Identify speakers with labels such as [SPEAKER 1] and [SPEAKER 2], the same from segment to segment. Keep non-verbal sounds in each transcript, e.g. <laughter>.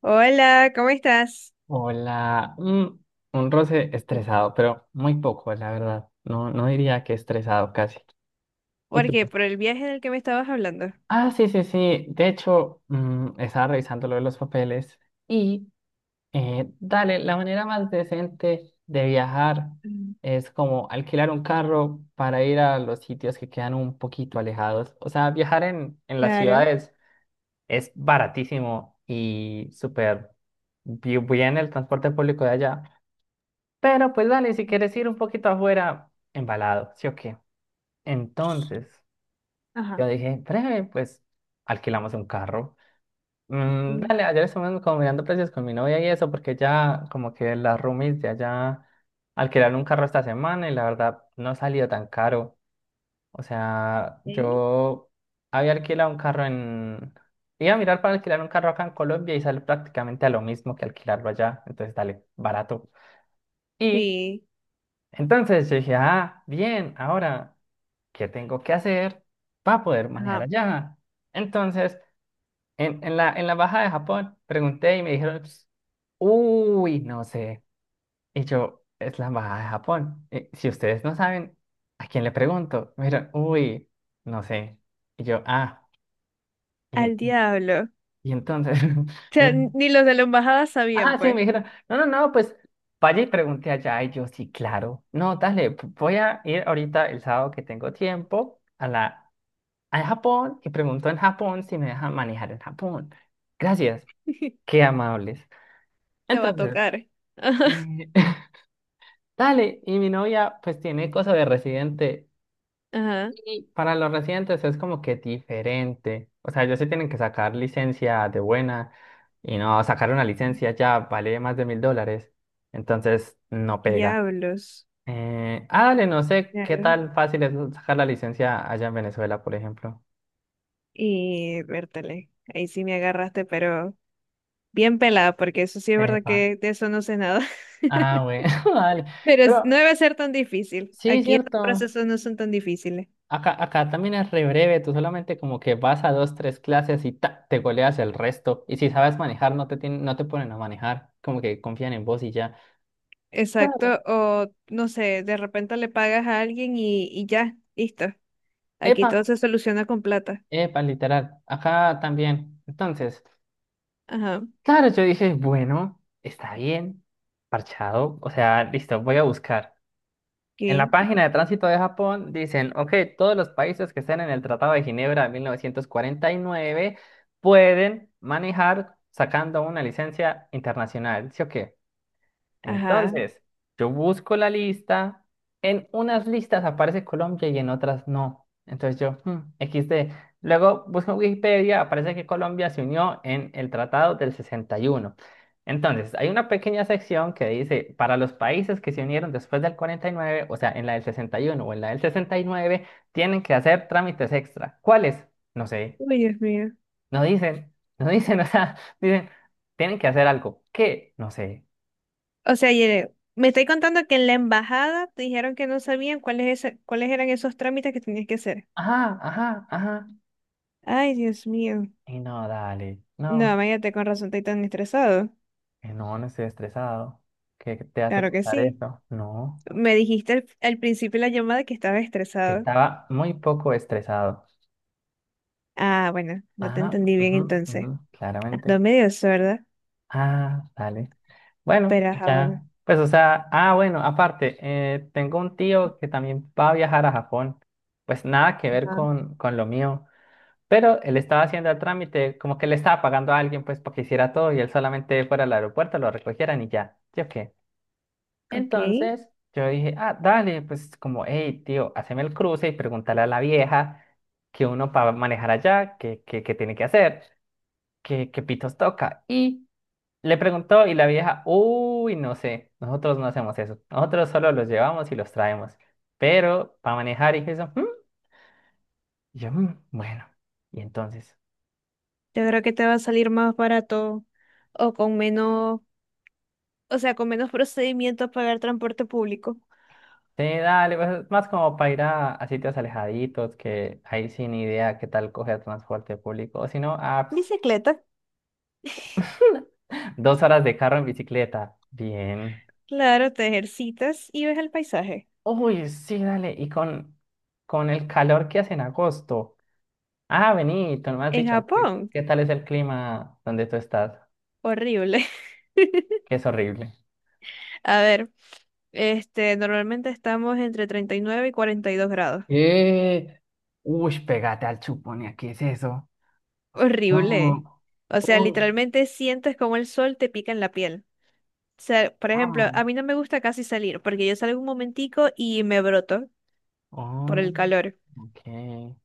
[SPEAKER 1] Hola, ¿cómo estás?
[SPEAKER 2] Hola, un roce estresado, pero muy poco, la verdad. No, no diría que estresado casi. ¿Y
[SPEAKER 1] ¿Por
[SPEAKER 2] tú?
[SPEAKER 1] qué? ¿Por el viaje del que me estabas hablando?
[SPEAKER 2] Ah, sí, sí, sí. De hecho, estaba revisando lo de los papeles y dale, la manera más decente de viajar
[SPEAKER 1] Mm.
[SPEAKER 2] es como alquilar un carro para ir a los sitios que quedan un poquito alejados. O sea, viajar en las
[SPEAKER 1] Claro.
[SPEAKER 2] ciudades es baratísimo y súper bien el transporte público de allá. Pero pues dale, si quieres ir un poquito afuera, embalado, ¿sí o qué? Entonces,
[SPEAKER 1] Ajá.
[SPEAKER 2] yo dije, breve, pues alquilamos un carro.
[SPEAKER 1] Mm.
[SPEAKER 2] Dale, ayer estuvimos como mirando precios con mi novia y eso, porque ya como que las roomies de allá alquilaron un carro esta semana y la verdad no ha salido tan caro. O sea,
[SPEAKER 1] ¿Sí?
[SPEAKER 2] yo había alquilado un carro en. Iba a mirar para alquilar un carro acá en Colombia y sale prácticamente a lo mismo que alquilarlo allá. Entonces, dale, barato. Y.
[SPEAKER 1] Sí.
[SPEAKER 2] Entonces yo dije, ah, bien, ahora, ¿qué tengo que hacer para poder manejar
[SPEAKER 1] Ajá.
[SPEAKER 2] allá? Entonces, en la embajada de Japón, pregunté y me dijeron, "Ps, uy, no sé". Y yo, es la embajada de Japón. Y si ustedes no saben, ¿a quién le pregunto? Me dijeron, uy, no sé. Y yo, ah, y,
[SPEAKER 1] Al
[SPEAKER 2] y,
[SPEAKER 1] diablo. O
[SPEAKER 2] y entonces,
[SPEAKER 1] sea,
[SPEAKER 2] <laughs>
[SPEAKER 1] ni los de la embajada sabían,
[SPEAKER 2] ajá, sí, me
[SPEAKER 1] pues.
[SPEAKER 2] dijeron, no, no, no, pues vaya y pregunté allá. Y yo, sí, claro. No, dale, voy a ir ahorita el sábado que tengo tiempo a la a Japón y pregunto en Japón si me dejan manejar en Japón. Gracias,
[SPEAKER 1] <laughs>
[SPEAKER 2] qué amables.
[SPEAKER 1] Te va a
[SPEAKER 2] Entonces,
[SPEAKER 1] tocar. <laughs> Ajá,
[SPEAKER 2] eh, <laughs> dale, y mi novia pues tiene cosa de residente
[SPEAKER 1] ajá.
[SPEAKER 2] y para los residentes es como que diferente. O sea, ellos sí tienen que sacar licencia de buena y no sacar una licencia ya vale más de $1,000. Entonces, no pega.
[SPEAKER 1] Diablos.
[SPEAKER 2] Dale, no sé qué
[SPEAKER 1] Claro.
[SPEAKER 2] tan fácil es sacar la licencia allá en Venezuela, por ejemplo.
[SPEAKER 1] Y vértale. Ahí sí me agarraste, pero bien pelada, porque eso sí es verdad
[SPEAKER 2] Epa.
[SPEAKER 1] que de eso no sé nada. <laughs>
[SPEAKER 2] Ah, bueno, <laughs> dale.
[SPEAKER 1] Pero
[SPEAKER 2] Pero
[SPEAKER 1] no debe ser tan difícil.
[SPEAKER 2] sí,
[SPEAKER 1] Aquí estos
[SPEAKER 2] cierto.
[SPEAKER 1] procesos no son tan difíciles.
[SPEAKER 2] Acá también es re breve, tú solamente como que vas a dos, tres clases y ta, te goleas el resto. Y si sabes manejar, no te tienen, no te ponen a manejar, como que confían en vos y ya. Dale.
[SPEAKER 1] Exacto, o no sé, de repente le pagas a alguien y ya, listo. Aquí
[SPEAKER 2] Epa,
[SPEAKER 1] todo se soluciona con plata.
[SPEAKER 2] epa, literal. Acá también. Entonces,
[SPEAKER 1] Ajá,
[SPEAKER 2] claro, yo dije, bueno, está bien, parchado. O sea, listo, voy a buscar. En la
[SPEAKER 1] ok,
[SPEAKER 2] página de tránsito de Japón dicen, ok, todos los países que estén en el Tratado de Ginebra de 1949 pueden manejar sacando una licencia internacional, ¿sí o qué?
[SPEAKER 1] ajá.
[SPEAKER 2] Entonces, yo busco la lista, en unas listas aparece Colombia y en otras no. Entonces yo, hmm, XD. Luego busco en Wikipedia, aparece que Colombia se unió en el Tratado del 61. Entonces, hay una pequeña sección que dice, para los países que se unieron después del 49, o sea, en la del 61 o en la del 69, tienen que hacer trámites extra. ¿Cuáles? No sé.
[SPEAKER 1] Uy, Dios mío.
[SPEAKER 2] No dicen, no dicen, <laughs> o sea, dicen, tienen que hacer algo. ¿Qué? No sé.
[SPEAKER 1] O sea, Yere, me estoy contando que en la embajada te dijeron que no sabían cuáles, cuáles eran esos trámites que tenías que hacer.
[SPEAKER 2] Ajá, ajá, ajá.
[SPEAKER 1] Ay, Dios mío.
[SPEAKER 2] Y no, dale,
[SPEAKER 1] No,
[SPEAKER 2] no,
[SPEAKER 1] váyate con razón, estoy tan estresado.
[SPEAKER 2] no, no estoy estresado. ¿Qué te hace
[SPEAKER 1] Claro que
[SPEAKER 2] pensar
[SPEAKER 1] sí.
[SPEAKER 2] eso? No,
[SPEAKER 1] Me dijiste al principio de la llamada que estaba
[SPEAKER 2] que
[SPEAKER 1] estresado.
[SPEAKER 2] estaba muy poco estresado.
[SPEAKER 1] Ah, bueno, no te
[SPEAKER 2] Ajá,
[SPEAKER 1] entendí bien
[SPEAKER 2] ujú,
[SPEAKER 1] entonces.
[SPEAKER 2] ujú, claramente.
[SPEAKER 1] Ando medio sorda,
[SPEAKER 2] Ah, dale. Bueno,
[SPEAKER 1] pero
[SPEAKER 2] y
[SPEAKER 1] ajá, bueno.
[SPEAKER 2] ya, pues o sea, ah, bueno, aparte, tengo un tío que también va a viajar a Japón. Pues nada que ver con lo mío, pero él estaba haciendo el trámite, como que le estaba pagando a alguien pues para que hiciera todo y él solamente fuera al aeropuerto, lo recogieran y ya. ¿Sí o qué?
[SPEAKER 1] Ok, yo
[SPEAKER 2] Entonces yo dije, ah, dale, pues como, hey, tío, haceme el cruce y pregúntale a la vieja que uno para manejar allá, que tiene que hacer, que pitos toca. Y le preguntó y la vieja, uy, no sé, nosotros no hacemos eso, nosotros solo los llevamos y los traemos. Pero para manejar y eso, "Mm". Y yo, "Mm, bueno, y entonces,
[SPEAKER 1] creo que te va a salir más barato o con menos, o sea, con menos procedimientos pagar transporte público.
[SPEAKER 2] sí, dale, pues es más como para ir a sitios alejaditos, que ahí sin idea qué tal coger transporte público, o si no, apps.
[SPEAKER 1] Bicicleta,
[SPEAKER 2] 2 horas de carro en bicicleta. Bien.
[SPEAKER 1] claro, te ejercitas y ves el paisaje.
[SPEAKER 2] Uy, sí, dale. Y con el calor que hace en agosto. Ah, vení, tú no me has
[SPEAKER 1] En
[SPEAKER 2] dicho qué,
[SPEAKER 1] Japón,
[SPEAKER 2] qué tal es el clima donde tú estás,
[SPEAKER 1] horrible.
[SPEAKER 2] que es horrible.
[SPEAKER 1] <laughs> A ver, este, normalmente estamos entre 39 y 42 grados.
[SPEAKER 2] Eh, uy, pégate al chupón, ¿qué es eso?
[SPEAKER 1] Horrible.
[SPEAKER 2] No,
[SPEAKER 1] O sea,
[SPEAKER 2] uy,
[SPEAKER 1] literalmente sientes como el sol te pica en la piel. O sea, por ejemplo,
[SPEAKER 2] ah,
[SPEAKER 1] a mí no me gusta casi salir porque yo salgo un momentico y me broto por
[SPEAKER 2] oh,
[SPEAKER 1] el calor.
[SPEAKER 2] ok.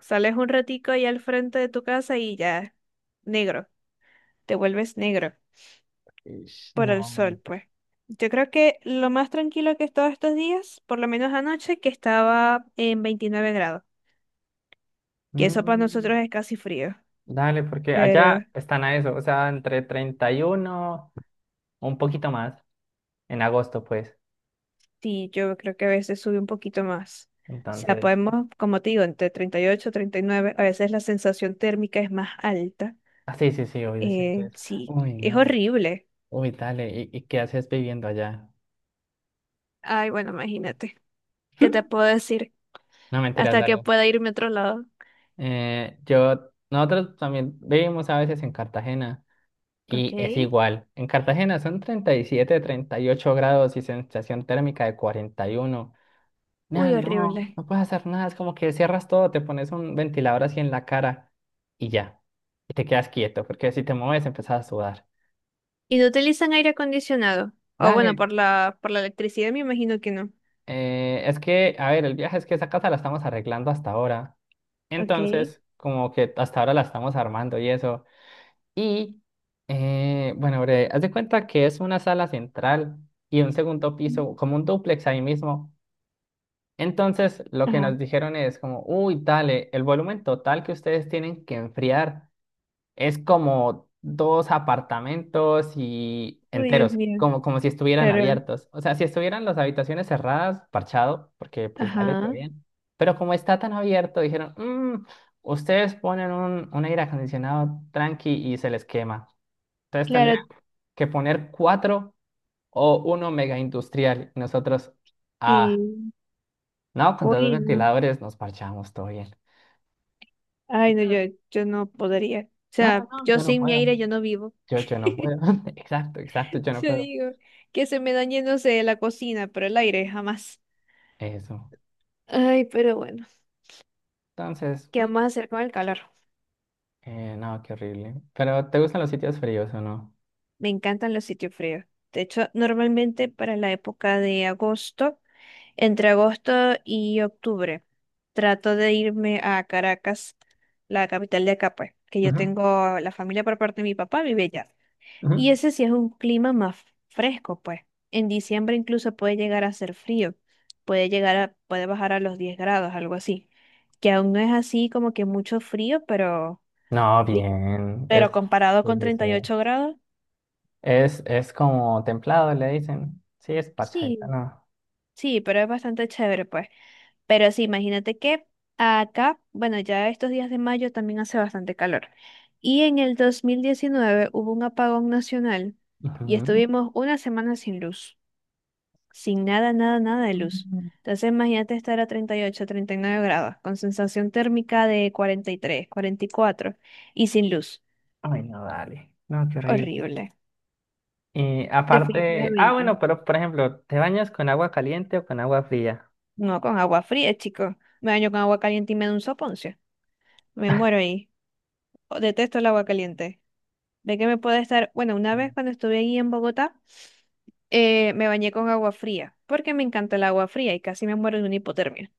[SPEAKER 1] Sales un ratico ahí al frente de tu casa y ya, negro, te vuelves negro
[SPEAKER 2] Ish.
[SPEAKER 1] por el
[SPEAKER 2] No.
[SPEAKER 1] sol, pues. Yo creo que lo más tranquilo que he estado estos días, por lo menos anoche, que estaba en 29 grados, que eso para
[SPEAKER 2] Mm,
[SPEAKER 1] nosotros es casi frío,
[SPEAKER 2] dale, porque allá
[SPEAKER 1] pero
[SPEAKER 2] están a eso, o sea, entre 31, un poquito más, en agosto, pues.
[SPEAKER 1] sí, yo creo que a veces sube un poquito más. O sea,
[SPEAKER 2] Entonces,
[SPEAKER 1] podemos, como te digo, entre 38, treinta y nueve, a veces la sensación térmica es más alta.
[SPEAKER 2] ah, sí, sí, sí, obvio, siento eso.
[SPEAKER 1] Sí,
[SPEAKER 2] Uy,
[SPEAKER 1] es
[SPEAKER 2] no.
[SPEAKER 1] horrible.
[SPEAKER 2] Uy, dale, y qué haces viviendo allá?
[SPEAKER 1] Ay, bueno, imagínate. ¿Qué te
[SPEAKER 2] <laughs>
[SPEAKER 1] puedo decir?
[SPEAKER 2] No mentiras,
[SPEAKER 1] Hasta que
[SPEAKER 2] dale.
[SPEAKER 1] pueda irme a otro lado.
[SPEAKER 2] Yo, nosotros también vivimos a veces en Cartagena
[SPEAKER 1] Ok.
[SPEAKER 2] y es igual. En Cartagena son 30, 37, 38 grados y sensación térmica de 41. No,
[SPEAKER 1] Uy,
[SPEAKER 2] no,
[SPEAKER 1] horrible.
[SPEAKER 2] no puedes hacer nada. Es como que cierras todo, te pones un ventilador así en la cara y ya. Y te quedas quieto, porque si te mueves empezás a sudar.
[SPEAKER 1] ¿Y no utilizan aire acondicionado? O bueno,
[SPEAKER 2] Dale.
[SPEAKER 1] por la electricidad me imagino que no.
[SPEAKER 2] Es que, a ver, el viaje es que esa casa la estamos arreglando hasta ahora.
[SPEAKER 1] Ok.
[SPEAKER 2] Entonces, como que hasta ahora la estamos armando y eso. Y, bueno, bre, haz de cuenta que es una sala central y un segundo
[SPEAKER 1] Mm.
[SPEAKER 2] piso, como un dúplex ahí mismo. Entonces, lo que
[SPEAKER 1] Ajá.
[SPEAKER 2] nos dijeron es como, uy, dale, el volumen total que ustedes tienen que enfriar es como dos apartamentos y
[SPEAKER 1] Uy, Dios
[SPEAKER 2] enteros,
[SPEAKER 1] mío.
[SPEAKER 2] como, como si estuvieran
[SPEAKER 1] Claro.
[SPEAKER 2] abiertos. O sea, si estuvieran las habitaciones cerradas, parchado, porque pues dale, todo
[SPEAKER 1] Ajá.
[SPEAKER 2] bien. Pero como está tan abierto, dijeron, "Mm, ustedes ponen un aire acondicionado tranqui y se les quema. Entonces
[SPEAKER 1] Claro,
[SPEAKER 2] tendrían que poner cuatro o uno mega industrial". Y nosotros, ah,
[SPEAKER 1] sí.
[SPEAKER 2] no, con dos
[SPEAKER 1] Uy, no.
[SPEAKER 2] ventiladores nos parchamos, todo bien.
[SPEAKER 1] Ay, no,
[SPEAKER 2] Entonces,
[SPEAKER 1] yo no podría. O
[SPEAKER 2] no,
[SPEAKER 1] sea,
[SPEAKER 2] no, no,
[SPEAKER 1] yo
[SPEAKER 2] yo no
[SPEAKER 1] sin mi
[SPEAKER 2] puedo.
[SPEAKER 1] aire yo no vivo.
[SPEAKER 2] Yo no
[SPEAKER 1] <laughs>
[SPEAKER 2] puedo. <laughs> Exacto, exacto, yo no
[SPEAKER 1] Yo
[SPEAKER 2] puedo.
[SPEAKER 1] digo que se me dañe, no sé, la cocina, pero el aire jamás.
[SPEAKER 2] Eso.
[SPEAKER 1] Ay, pero bueno,
[SPEAKER 2] Entonces,
[SPEAKER 1] ¿qué vamos a hacer con el calor?
[SPEAKER 2] no, qué horrible. Pero, ¿te gustan los sitios fríos o no?
[SPEAKER 1] Me encantan los sitios fríos. De hecho, normalmente para la época de agosto. Entre agosto y octubre trato de irme a Caracas, la capital de acá, pues, que yo
[SPEAKER 2] Ujú,
[SPEAKER 1] tengo la familia por parte de mi papá, vive allá.
[SPEAKER 2] ujú.
[SPEAKER 1] Y ese sí es un clima más fresco, pues. En diciembre incluso puede llegar a ser frío, puede llegar a, puede bajar a los 10 grados, algo así. Que aún no es así como que mucho frío, pero,
[SPEAKER 2] No,
[SPEAKER 1] ri-
[SPEAKER 2] bien.
[SPEAKER 1] pero comparado
[SPEAKER 2] Sí,
[SPEAKER 1] con
[SPEAKER 2] sí,
[SPEAKER 1] treinta y
[SPEAKER 2] sí.
[SPEAKER 1] ocho grados,
[SPEAKER 2] Es como templado, le dicen. Sí, es parchadita,
[SPEAKER 1] sí,
[SPEAKER 2] no.
[SPEAKER 1] sí, pero es bastante chévere, pues. Pero sí, imagínate que acá, bueno, ya estos días de mayo también hace bastante calor. Y en el 2019 hubo un apagón nacional y
[SPEAKER 2] Ujú.
[SPEAKER 1] estuvimos una semana sin luz, sin nada de luz.
[SPEAKER 2] Mm.
[SPEAKER 1] Entonces imagínate estar a 30, 38, 39 grados, con sensación térmica de 43, 44, y sin luz.
[SPEAKER 2] Ay, no, dale. No, qué horrible.
[SPEAKER 1] Horrible.
[SPEAKER 2] Y aparte, ah,
[SPEAKER 1] Definitivamente.
[SPEAKER 2] bueno, pero por ejemplo, ¿te bañas con agua caliente o con agua fría?
[SPEAKER 1] No, con agua fría, chico. Me baño con agua caliente y me da un soponcio. Me muero ahí. Detesto el agua caliente. De que me puede estar, bueno, una
[SPEAKER 2] Mm.
[SPEAKER 1] vez cuando estuve ahí en Bogotá, me bañé con agua fría, porque me encanta el agua fría y casi me muero de una hipotermia.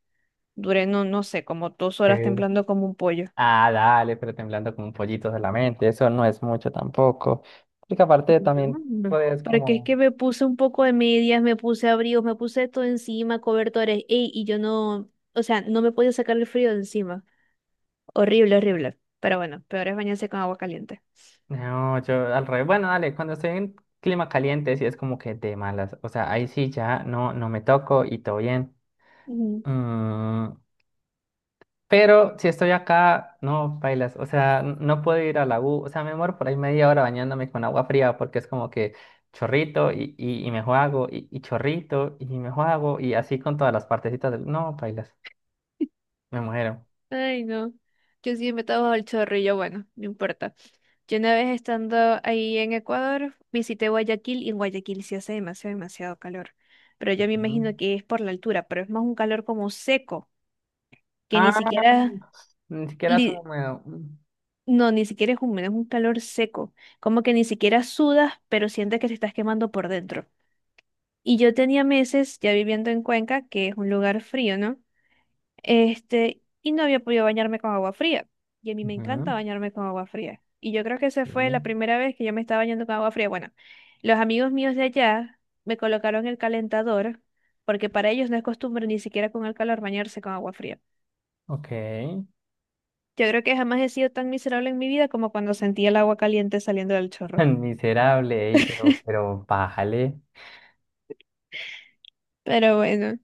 [SPEAKER 1] Duré, no, no sé, como dos horas
[SPEAKER 2] Ok.
[SPEAKER 1] temblando como un pollo.
[SPEAKER 2] Ah, dale, pero temblando como un pollito solamente, eso no es mucho tampoco. Porque aparte
[SPEAKER 1] No,
[SPEAKER 2] también
[SPEAKER 1] no.
[SPEAKER 2] puedes
[SPEAKER 1] Porque es
[SPEAKER 2] como,
[SPEAKER 1] que me puse un poco de medias, me puse abrigos, me puse todo encima, cobertores, ey, y yo no, o sea, no me podía sacar el frío de encima. Horrible, horrible. Pero bueno, peor es bañarse con agua caliente.
[SPEAKER 2] no, yo al revés, bueno, dale, cuando estoy en clima caliente sí es como que de malas, o sea, ahí sí ya no, no me toco y todo bien. Mm, pero si estoy acá, no, bailas, o sea, no puedo ir a la U, o sea, me muero por ahí media hora bañándome con agua fría porque es como que chorrito y me juego y chorrito y me juego y así con todas las partecitas del, no, bailas, me muero.
[SPEAKER 1] Ay, no. Yo sí me estaba al chorrillo, bueno, no importa. Yo una vez estando ahí en Ecuador, visité Guayaquil y en Guayaquil sí hace demasiado, demasiado calor. Pero yo me
[SPEAKER 2] Ujú.
[SPEAKER 1] imagino que es por la altura, pero es más un calor como seco, que ni
[SPEAKER 2] Ah,
[SPEAKER 1] siquiera,
[SPEAKER 2] ni siquiera es
[SPEAKER 1] li-
[SPEAKER 2] húmedo. Mm.
[SPEAKER 1] no, ni siquiera es húmedo, es un calor seco. Como que ni siquiera sudas, pero sientes que te estás quemando por dentro. Y yo tenía meses ya viviendo en Cuenca, que es un lugar frío, ¿no? Este, y no había podido bañarme con agua fría. Y a mí me
[SPEAKER 2] Ujú,
[SPEAKER 1] encanta bañarme con agua fría. Y yo creo que esa
[SPEAKER 2] sí.
[SPEAKER 1] fue la primera vez que yo me estaba bañando con agua fría. Bueno, los amigos míos de allá me colocaron el calentador, porque para ellos no es costumbre ni siquiera con el calor bañarse con agua fría.
[SPEAKER 2] Ok. <laughs>
[SPEAKER 1] Yo creo que jamás he sido tan miserable en mi vida como cuando sentí el agua caliente saliendo del chorro.
[SPEAKER 2] Tan miserable, ey, pero,
[SPEAKER 1] <laughs>
[SPEAKER 2] pero bájale.
[SPEAKER 1] Pero bueno,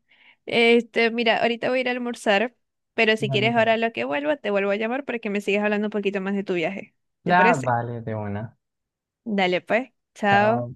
[SPEAKER 1] este, mira, ahorita voy a ir a almorzar, pero si
[SPEAKER 2] Vale,
[SPEAKER 1] quieres
[SPEAKER 2] vale.
[SPEAKER 1] ahora lo que vuelva, te vuelvo a llamar para que me sigas hablando un poquito más de tu viaje. ¿Te
[SPEAKER 2] Ah,
[SPEAKER 1] parece?
[SPEAKER 2] vale, de una.
[SPEAKER 1] Dale pues,
[SPEAKER 2] Chao.
[SPEAKER 1] chao.